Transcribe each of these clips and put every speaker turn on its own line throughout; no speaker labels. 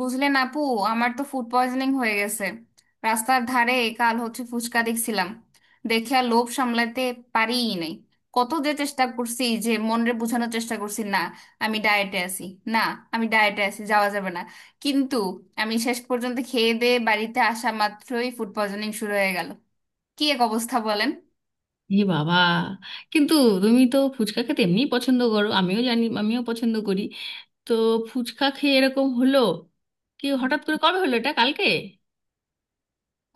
বুঝলেন আপু, আমার তো ফুড পয়জনিং হয়ে গেছে। রাস্তার ধারে কাল হচ্ছে ফুচকা দেখছিলাম, দেখে আর লোভ সামলাতে পারিই নাই। কত যে চেষ্টা করছি, যে মনরে বোঝানোর চেষ্টা করছি না, আমি ডায়েটে আছি, না আমি ডায়েটে আছি যাওয়া যাবে না, কিন্তু আমি শেষ পর্যন্ত খেয়ে দেয়ে বাড়িতে আসা মাত্রই ফুড পয়জনিং শুরু হয়ে গেল। কি এক অবস্থা বলেন।
এ বাবা! কিন্তু তুমি তো ফুচকা খেতে এমনি পছন্দ করো, আমিও জানি, আমিও পছন্দ করি। তো ফুচকা খেয়ে এরকম হলো কি? হঠাৎ করে কবে হলো এটা, কালকে?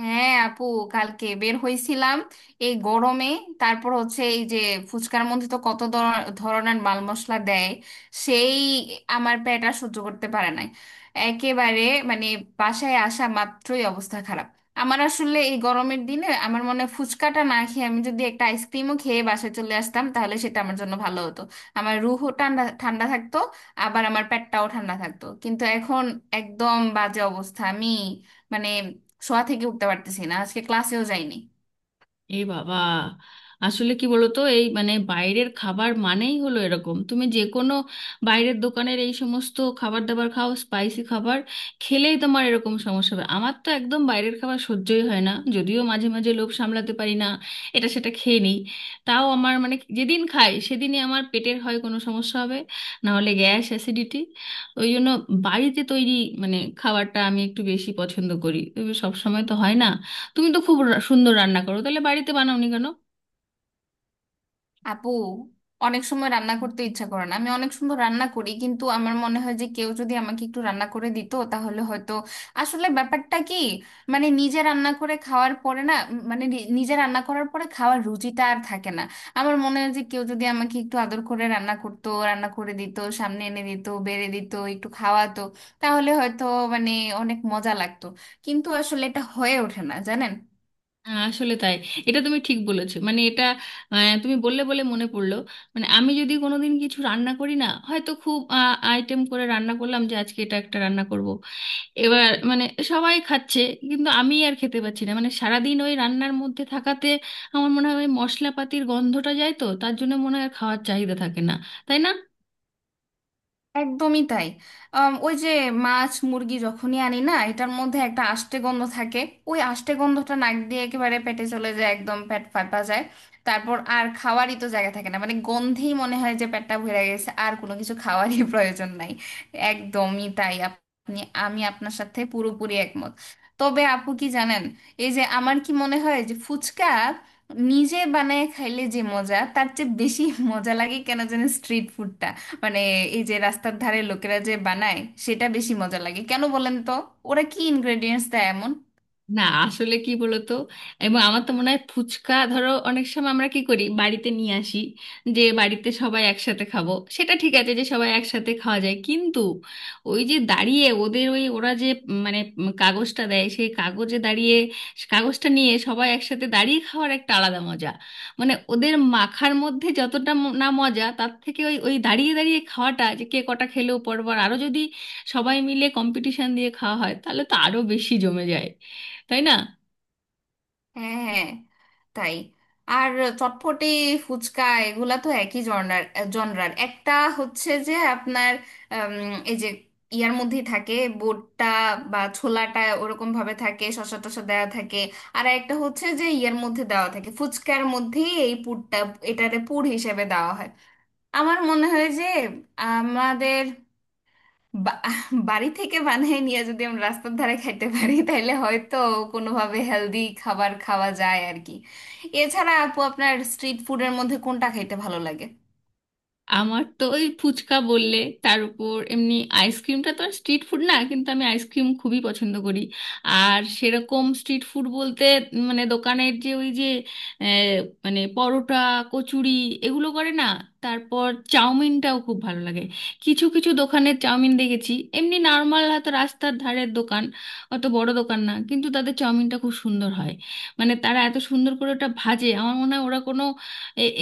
হ্যাঁ আপু, কালকে বের হইছিলাম এই গরমে। তারপর হচ্ছে এই যে ফুচকার মধ্যে তো কত ধরনের মাল মশলা দেয়, সেই আমার পেট আর সহ্য করতে পারে নাই। একেবারে মানে বাসায় আসা মাত্রই অবস্থা খারাপ। আমার আসলে এই গরমের দিনে আমার মনে হয় ফুচকাটা না খেয়ে আমি যদি একটা আইসক্রিমও খেয়ে বাসায় চলে আসতাম, তাহলে সেটা আমার জন্য ভালো হতো। আমার রুহও ঠান্ডা ঠান্ডা থাকতো, আবার আমার পেটটাও ঠান্ডা থাকতো, কিন্তু এখন একদম বাজে অবস্থা। আমি মানে শোয়া থেকে উঠতে পারতেছি না, আজকে ক্লাসেও যাইনি।
এ বাবা, আসলে কি বলতো, এই মানে বাইরের খাবার মানেই হলো এরকম। তুমি যে কোনো বাইরের দোকানের এই সমস্ত খাবার দাবার খাও, স্পাইসি খাবার খেলেই তোমার এরকম সমস্যা হবে। আমার তো একদম বাইরের খাবার সহ্যই হয় না, যদিও মাঝে মাঝে লোভ সামলাতে পারি না, এটা সেটা খেয়ে নিই। তাও আমার মানে যেদিন খাই সেদিনই আমার পেটের হয় কোনো সমস্যা, হবে না হলে গ্যাস অ্যাসিডিটি। ওই জন্য বাড়িতে তৈরি মানে খাবারটা আমি একটু বেশি পছন্দ করি, সব সময় তো হয় না। তুমি তো খুব সুন্দর রান্না করো, তাহলে বাড়িতে বানাওনি কেন?
আপু, অনেক সময় রান্না করতে ইচ্ছা করে না। আমি অনেক সুন্দর রান্না করি, কিন্তু আমার মনে হয় যে কেউ যদি আমাকে একটু রান্না করে দিত তাহলে হয়তো আসলে ব্যাপারটা কি মানে নিজে রান্না করে খাওয়ার পরে না মানে নিজে রান্না করার পরে খাওয়ার রুচিটা আর থাকে না। আমার মনে হয় যে কেউ যদি আমাকে একটু আদর করে রান্না করতো, রান্না করে দিত, সামনে এনে দিত, বেড়ে দিত, একটু খাওয়াতো, তাহলে হয়তো মানে অনেক মজা লাগতো। কিন্তু আসলে এটা হয়ে ওঠে না জানেন।
আসলে তাই, এটা তুমি ঠিক বলেছো, মানে এটা, তুমি বললে বলে মনে পড়লো। মানে আমি যদি কোনোদিন কিছু রান্না করি না, হয়তো খুব আইটেম করে রান্না করলাম, যে আজকে এটা একটা রান্না করব, এবার মানে সবাই খাচ্ছে কিন্তু আমি আর খেতে পাচ্ছি না। মানে সারাদিন ওই রান্নার মধ্যে থাকাতে আমার মনে হয় ওই মশলাপাতির গন্ধটা যায়, তো তার জন্য মনে হয় আর খাওয়ার চাহিদা থাকে না, তাই না?
একদমই তাই। ওই যে মাছ মুরগি যখনই আনি না, এটার মধ্যে একটা আষ্টে গন্ধ থাকে। ওই আষ্টে গন্ধটা নাক দিয়ে একেবারে পেটে চলে যায়, একদম পেট ফাটা যায়। তারপর আর খাওয়ারই তো জায়গা থাকে না, মানে গন্ধেই মনে হয় যে পেটটা ভরে গেছে, আর কোনো কিছু খাওয়ারই প্রয়োজন নাই। একদমই তাই আপনি, আমি আপনার সাথে পুরোপুরি একমত। তবে আপু কি জানেন, এই যে আমার কি মনে হয় যে ফুচকা নিজে বানায় খাইলে যে মজা, তার চেয়ে বেশি মজা লাগে কেন জানেন স্ট্রিট ফুডটা। মানে এই যে রাস্তার ধারে লোকেরা যে বানায় সেটা বেশি মজা লাগে, কেন বলেন তো? ওরা কি ইনগ্রেডিয়েন্টস দেয় এমন?
না, আসলে কি বলতো, এবং আমার তো মনে হয় ফুচকা, ধরো অনেক সময় আমরা কি করি, বাড়িতে নিয়ে আসি যে বাড়িতে সবাই একসাথে খাবো, সেটা ঠিক আছে যে সবাই একসাথে খাওয়া যায়, কিন্তু ওই যে দাঁড়িয়ে ওদের ওই, ওরা যে মানে কাগজটা দেয়, সেই কাগজে দাঁড়িয়ে কাগজটা নিয়ে সবাই একসাথে দাঁড়িয়ে খাওয়ার একটা আলাদা মজা। মানে ওদের মাখার মধ্যে যতটা না মজা, তার থেকে ওই ওই দাঁড়িয়ে দাঁড়িয়ে খাওয়াটা, যে কে কটা খেলেও পরবার আরো, যদি সবাই মিলে কম্পিটিশন দিয়ে খাওয়া হয় তাহলে তো আরো বেশি জমে যায়, তাই না?
হ্যাঁ, হ্যাঁ, তাই। আর চটপটি, ফুচকা, এগুলা তো একই জনরার। জনরার একটা হচ্ছে যে আপনার, আম, এই যে ইয়ার মধ্যেই থাকে বোটটা বা ছোলাটা, ওরকম ভাবে থাকে, শসা টসা দেওয়া থাকে। আর একটা হচ্ছে যে ইয়ার মধ্যে দেওয়া থাকে ফুচকার মধ্যেই এই পুরটা, এটারে পুর হিসেবে দেওয়া হয়। আমার মনে হয় যে আমাদের বা- বাড়ি থেকে বানিয়ে নিয়ে যদি আমরা রাস্তার ধারে খাইতে পারি, তাহলে হয়তো কোনোভাবে হেলদি খাবার খাওয়া যায় আর কি। এছাড়া আপু, আপনার স্ট্রিট ফুডের মধ্যে কোনটা খাইতে ভালো লাগে?
আমার তো ওই, ফুচকা বললে তার উপর এমনি। আইসক্রিমটা তো আর স্ট্রিট ফুড না, কিন্তু আমি আইসক্রিম খুবই পছন্দ করি। আর সেরকম স্ট্রিট ফুড বলতে মানে দোকানের যে ওই যে আহ, মানে পরোটা, কচুরি, এগুলো করে না? তারপর চাউমিনটাও খুব ভালো লাগে। কিছু কিছু দোকানের চাউমিন দেখেছি, এমনি নর্মাল হয়তো রাস্তার ধারের দোকান, অত বড় দোকান না, কিন্তু তাদের চাউমিনটা খুব সুন্দর হয়। মানে তারা এত সুন্দর করে ওটা ভাজে, আমার মনে হয় ওরা কোনো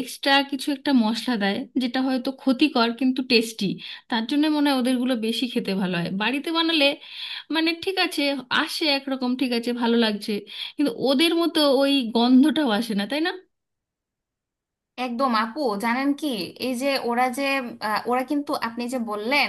এক্সট্রা কিছু একটা মশলা দেয়, যেটা হয়তো ক্ষতিকর কিন্তু টেস্টি। তার জন্য মনে হয় ওদেরগুলো বেশি খেতে ভালো হয়। বাড়িতে বানালে মানে ঠিক আছে, আসে একরকম ঠিক আছে, ভালো লাগছে, কিন্তু ওদের মতো ওই গন্ধটাও আসে না, তাই না?
একদম আপু জানেন কি, এই যে ওরা যে, ওরা কিন্তু আপনি যে বললেন,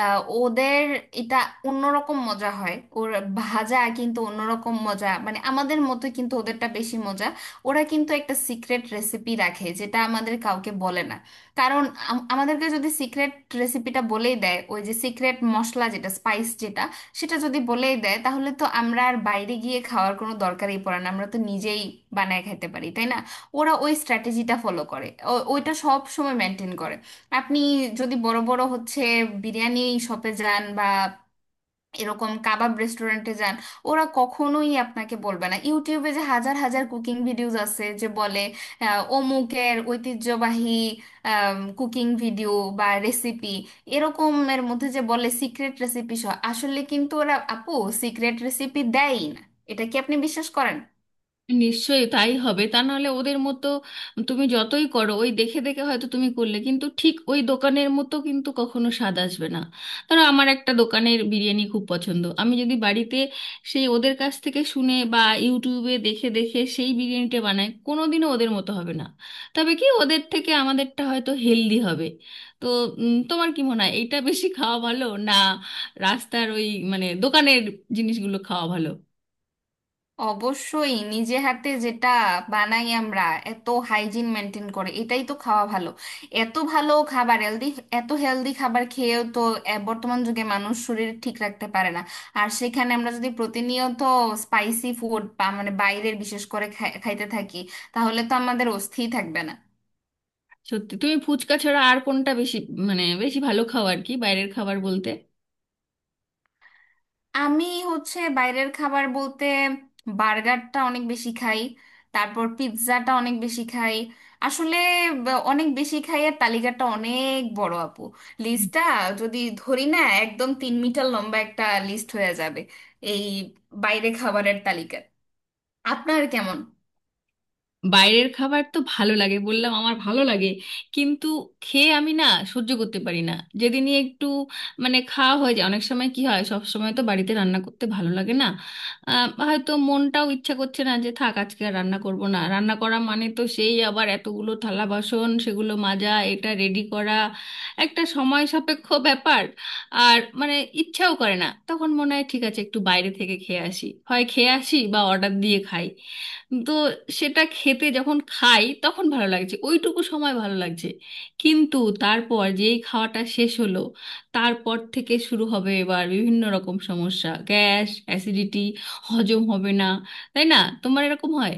ওদের এটা অন্যরকম মজা হয় ওর ভাজা, কিন্তু অন্যরকম মজা মানে আমাদের মতো, কিন্তু ওদেরটা বেশি মজা। ওরা কিন্তু একটা সিক্রেট রেসিপি রাখে, যেটা আমাদের কাউকে বলে না। কারণ আমাদেরকে যদি সিক্রেট রেসিপিটা বলেই দেয়, ওই যে সিক্রেট মশলা যেটা, স্পাইস যেটা, সেটা যদি বলেই দেয়, তাহলে তো আমরা আর বাইরে গিয়ে খাওয়ার কোনো দরকারই পড়ে না, আমরা তো নিজেই বানায় খেতে পারি, তাই না? ওরা ওই স্ট্র্যাটেজিটা ফলো করে, ওইটা সব সময় মেনটেন করে। আপনি যদি বড় বড় হচ্ছে বিরিয়ানি শপে যান, বা এরকম কাবাব রেস্টুরেন্টে যান, ওরা কখনোই আপনাকে বলবে না। ইউটিউবে যে হাজার হাজার কুকিং ভিডিওস আছে যে বলে অমুকের ঐতিহ্যবাহী কুকিং ভিডিও বা রেসিপি, এরকমের মধ্যে যে বলে সিক্রেট রেসিপি সহ, আসলে কিন্তু ওরা আপু সিক্রেট রেসিপি দেয়ই না। এটা কি আপনি বিশ্বাস করেন?
নিশ্চয়ই তাই হবে, তা নাহলে ওদের মতো তুমি যতই করো ওই দেখে দেখে, হয়তো তুমি করলে কিন্তু ঠিক ওই দোকানের মতো কিন্তু কখনো স্বাদ আসবে না। ধরো আমার একটা দোকানের বিরিয়ানি খুব পছন্দ, আমি যদি বাড়িতে সেই ওদের কাছ থেকে শুনে বা ইউটিউবে দেখে দেখে সেই বিরিয়ানিটা বানাই, কোনোদিনও ওদের মতো হবে না। তবে কি ওদের থেকে আমাদেরটা হয়তো হেলদি হবে? তো তোমার কি মনে হয়, এটা বেশি খাওয়া ভালো, না রাস্তার ওই মানে দোকানের জিনিসগুলো খাওয়া ভালো?
অবশ্যই নিজে হাতে যেটা বানাই আমরা, এত হাইজিন মেনটেন করে, এটাই তো খাওয়া ভালো। এত ভালো খাবার হেলদি, এত হেলদি খাবার খেয়েও তো বর্তমান যুগে মানুষ শরীর ঠিক রাখতে পারে না। আর সেখানে আমরা যদি প্রতিনিয়ত স্পাইসি ফুড মানে বাইরের বিশেষ করে খাইতে থাকি, তাহলে তো আমাদের অস্থি থাকবে না।
সত্যি, তুমি ফুচকা ছাড়া আর কোনটা বেশি, মানে বেশি ভালো খাও আর কি, বাইরের খাবার বলতে?
আমি হচ্ছে বাইরের খাবার বলতে বার্গারটা অনেক বেশি খাই, তারপর পিৎজাটা অনেক বেশি খাই। আসলে অনেক বেশি খাই এর তালিকাটা অনেক বড় আপু। লিস্টটা যদি ধরি না, একদম 3 মিটার লম্বা একটা লিস্ট হয়ে যাবে এই বাইরে খাবারের তালিকা। আপনার কেমন?
বাইরের খাবার তো ভালো লাগে, বললাম আমার ভালো লাগে, কিন্তু খেয়ে আমি না সহ্য করতে পারি না। যেদিনই একটু মানে খাওয়া হয়ে যায়, অনেক সময় কি হয়, সব সময় তো বাড়িতে রান্না করতে ভালো লাগে না, হয়তো মনটাও ইচ্ছা করছে না, যে থাক আজকে আর রান্না করব না। রান্না করা মানে তো সেই আবার এতগুলো থালা বাসন, সেগুলো মাজা, এটা রেডি করা, একটা সময় সাপেক্ষ ব্যাপার। আর মানে ইচ্ছাও করে না, তখন মনে হয় ঠিক আছে একটু বাইরে থেকে খেয়ে আসি, হয় খেয়ে আসি বা অর্ডার দিয়ে খাই। তো সেটা খেতে যখন খাই তখন ভালো লাগছে, ওইটুকু সময় ভালো লাগছে, কিন্তু তারপর যেই খাওয়াটা শেষ হলো, তারপর থেকে শুরু হবে এবার বিভিন্ন রকম সমস্যা, গ্যাস অ্যাসিডিটি, হজম হবে না, তাই না? তোমার এরকম হয়?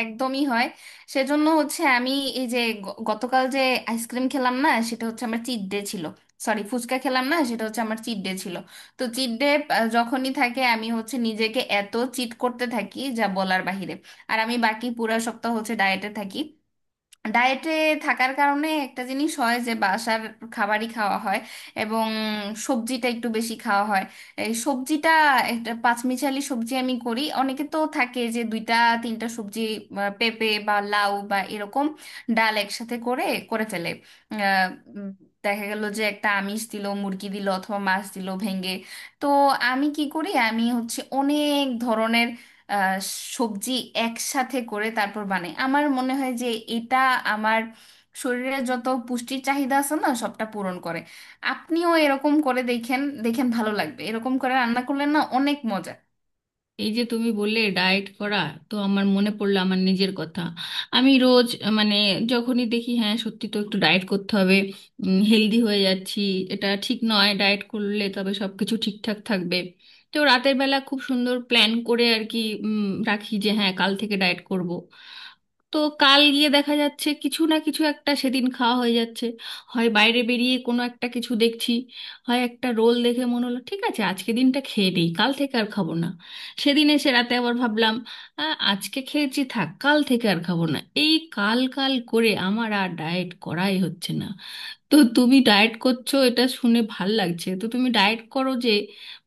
একদমই হয়। সেজন্য হচ্ছে আমি এই যে গতকাল যে আইসক্রিম খেলাম না, সেটা হচ্ছে আমার চিট ডে ছিল। সরি, ফুচকা খেলাম না, সেটা হচ্ছে আমার চিট ডে ছিল। তো চিট ডে যখনই থাকে, আমি হচ্ছে নিজেকে এত চিট করতে থাকি যা বলার বাহিরে। আর আমি বাকি পুরো সপ্তাহ হচ্ছে ডায়েটে থাকি। ডায়েটে থাকার কারণে একটা জিনিস হয় যে বাসার খাবারই খাওয়া হয়, এবং সবজিটা একটু বেশি খাওয়া হয়। এই সবজিটা, একটা পাঁচমিশালি সবজি আমি করি। অনেকে তো থাকে যে দুইটা তিনটা সবজি বা পেঁপে বা লাউ বা এরকম ডাল একসাথে করে করে ফেলে। আহ, উম, দেখা গেল যে একটা আমিষ দিল, মুরগি দিল অথবা মাছ দিল ভেঙে। তো আমি কি করি, আমি হচ্ছে অনেক ধরনের আহ, সবজি একসাথে করে তারপর বানাই। আমার মনে হয় যে এটা আমার শরীরে যত পুষ্টির চাহিদা আছে না, সবটা পূরণ করে। আপনিও এরকম করে দেখেন, দেখেন ভালো লাগবে, এরকম করে রান্না করলে না অনেক মজা।
এই যে তুমি বললে ডায়েট করা, তো আমার মনে পড়লো আমার নিজের কথা। আমি রোজ মানে যখনই দেখি, হ্যাঁ সত্যি তো একটু ডায়েট করতে হবে, হেলদি হয়ে যাচ্ছি, এটা ঠিক নয়, ডায়েট করলে তবে সব কিছু ঠিকঠাক থাকবে। তো রাতের বেলা খুব সুন্দর প্ল্যান করে আর কি রাখি যে হ্যাঁ কাল থেকে ডায়েট করব। তো কাল গিয়ে দেখা যাচ্ছে কিছু না কিছু একটা সেদিন খাওয়া হয়ে যাচ্ছে। হয় বাইরে বেরিয়ে কোনো একটা কিছু দেখছি, হয় একটা রোল দেখে মনে হলো ঠিক আছে আজকে দিনটা খেয়ে নিই, কাল থেকে আর খাবো না। সেদিন এসে রাতে আবার ভাবলাম, "আ, আজকে খেয়েছি, থাক কাল থেকে আর খাবো না।" এই কাল কাল করে আমার আর ডায়েট করাই হচ্ছে না। তো তুমি ডায়েট করছো এটা শুনে ভাল লাগছে। তো তুমি ডায়েট করো যে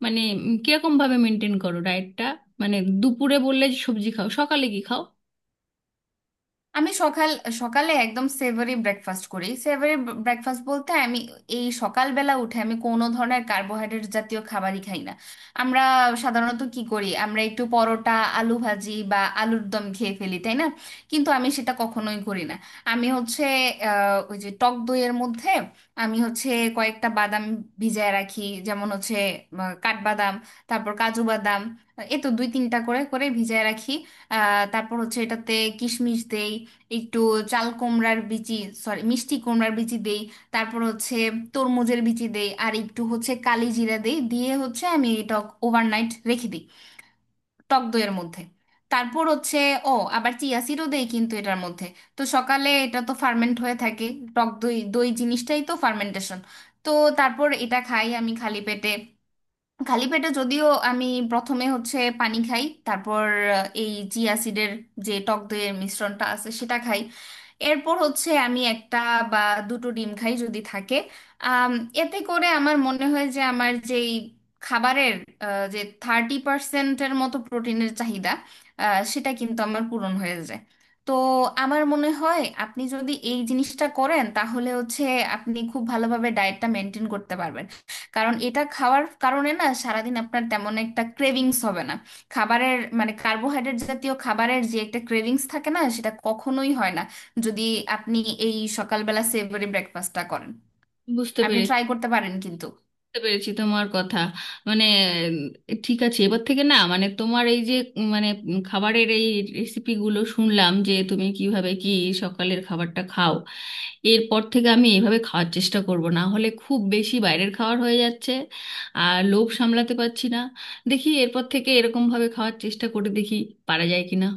মানে কিরকম ভাবে মেনটেন করো ডায়েটটা, মানে দুপুরে বললে যে সবজি খাও, সকালে কি খাও?
আমি সকাল, সকালে একদম সেভারি ব্রেকফাস্ট করি। সেভারি ব্রেকফাস্ট বলতে আমি এই সকালবেলা উঠে আমি কোনো ধরনের কার্বোহাইড্রেট জাতীয় খাবারই খাই না। আমরা সাধারণত কি করি, আমরা একটু পরোটা, আলু ভাজি বা আলুর দম খেয়ে ফেলি, তাই না? কিন্তু আমি সেটা কখনোই করি না। আমি হচ্ছে, ওই যে টক দইয়ের মধ্যে আমি হচ্ছে কয়েকটা বাদাম ভিজায় রাখি। যেমন হচ্ছে কাঠবাদাম, তারপর কাজু বাদাম, এ তো দুই তিনটা করে করে ভিজায় রাখি। তারপর হচ্ছে এটাতে কিশমিশ দেই, একটু চাল কুমড়ার বিচি, সরি মিষ্টি কুমড়ার বিচি দেই, তারপর হচ্ছে তরমুজের বিচি দেই, আর একটু হচ্ছে কালি জিরা দেই, দিয়ে হচ্ছে আমি এটা ওভারনাইট রেখে দিই টক দইয়ের মধ্যে। তারপর হচ্ছে, ও আবার চিয়া সিডও দেই কিন্তু এটার মধ্যে। তো সকালে এটা তো ফার্মেন্ট হয়ে থাকে, টক দই, দই জিনিসটাই তো ফার্মেন্টেশন। তো তারপর এটা খাই আমি খালি পেটে। খালি পেটে যদিও আমি প্রথমে হচ্ছে পানি খাই, তারপর এই চিয়া সিডের যে টক দইয়ের মিশ্রণটা আছে সেটা খাই। এরপর হচ্ছে আমি একটা বা দুটো ডিম খাই যদি থাকে। আম, এতে করে আমার মনে হয় যে আমার যেই খাবারের যে 30%-এর মতো প্রোটিনের চাহিদা, সেটা কিন্তু আমার পূরণ হয়ে যায়। তো আমার মনে হয় আপনি যদি এই জিনিসটা করেন, তাহলে হচ্ছে আপনি খুব ভালোভাবে ডায়েটটা মেনটেন করতে পারবেন। কারণ এটা খাওয়ার কারণে না, সারাদিন আপনার তেমন একটা ক্রেভিংস হবে না। খাবারের মানে কার্বোহাইড্রেট জাতীয় খাবারের যে একটা ক্রেভিংস থাকে না, সেটা কখনোই হয় না, যদি আপনি এই সকালবেলা সেভরি ব্রেকফাস্টটা করেন।
বুঝতে
আপনি
পেরেছি।
ট্রাই করতে পারেন কিন্তু
বুঝতে পেরেছি তোমার কথা। মানে ঠিক আছে, এবার থেকে না মানে তোমার এই যে মানে খাবারের এই রেসিপিগুলো শুনলাম, যে তুমি কিভাবে কি সকালের খাবারটা খাও, এরপর থেকে আমি এইভাবে খাওয়ার চেষ্টা করব। না হলে খুব বেশি বাইরের খাবার হয়ে যাচ্ছে, আর লোভ সামলাতে পারছি না। দেখি এরপর থেকে এরকমভাবে খাওয়ার চেষ্টা করে দেখি পারা যায় কিনা।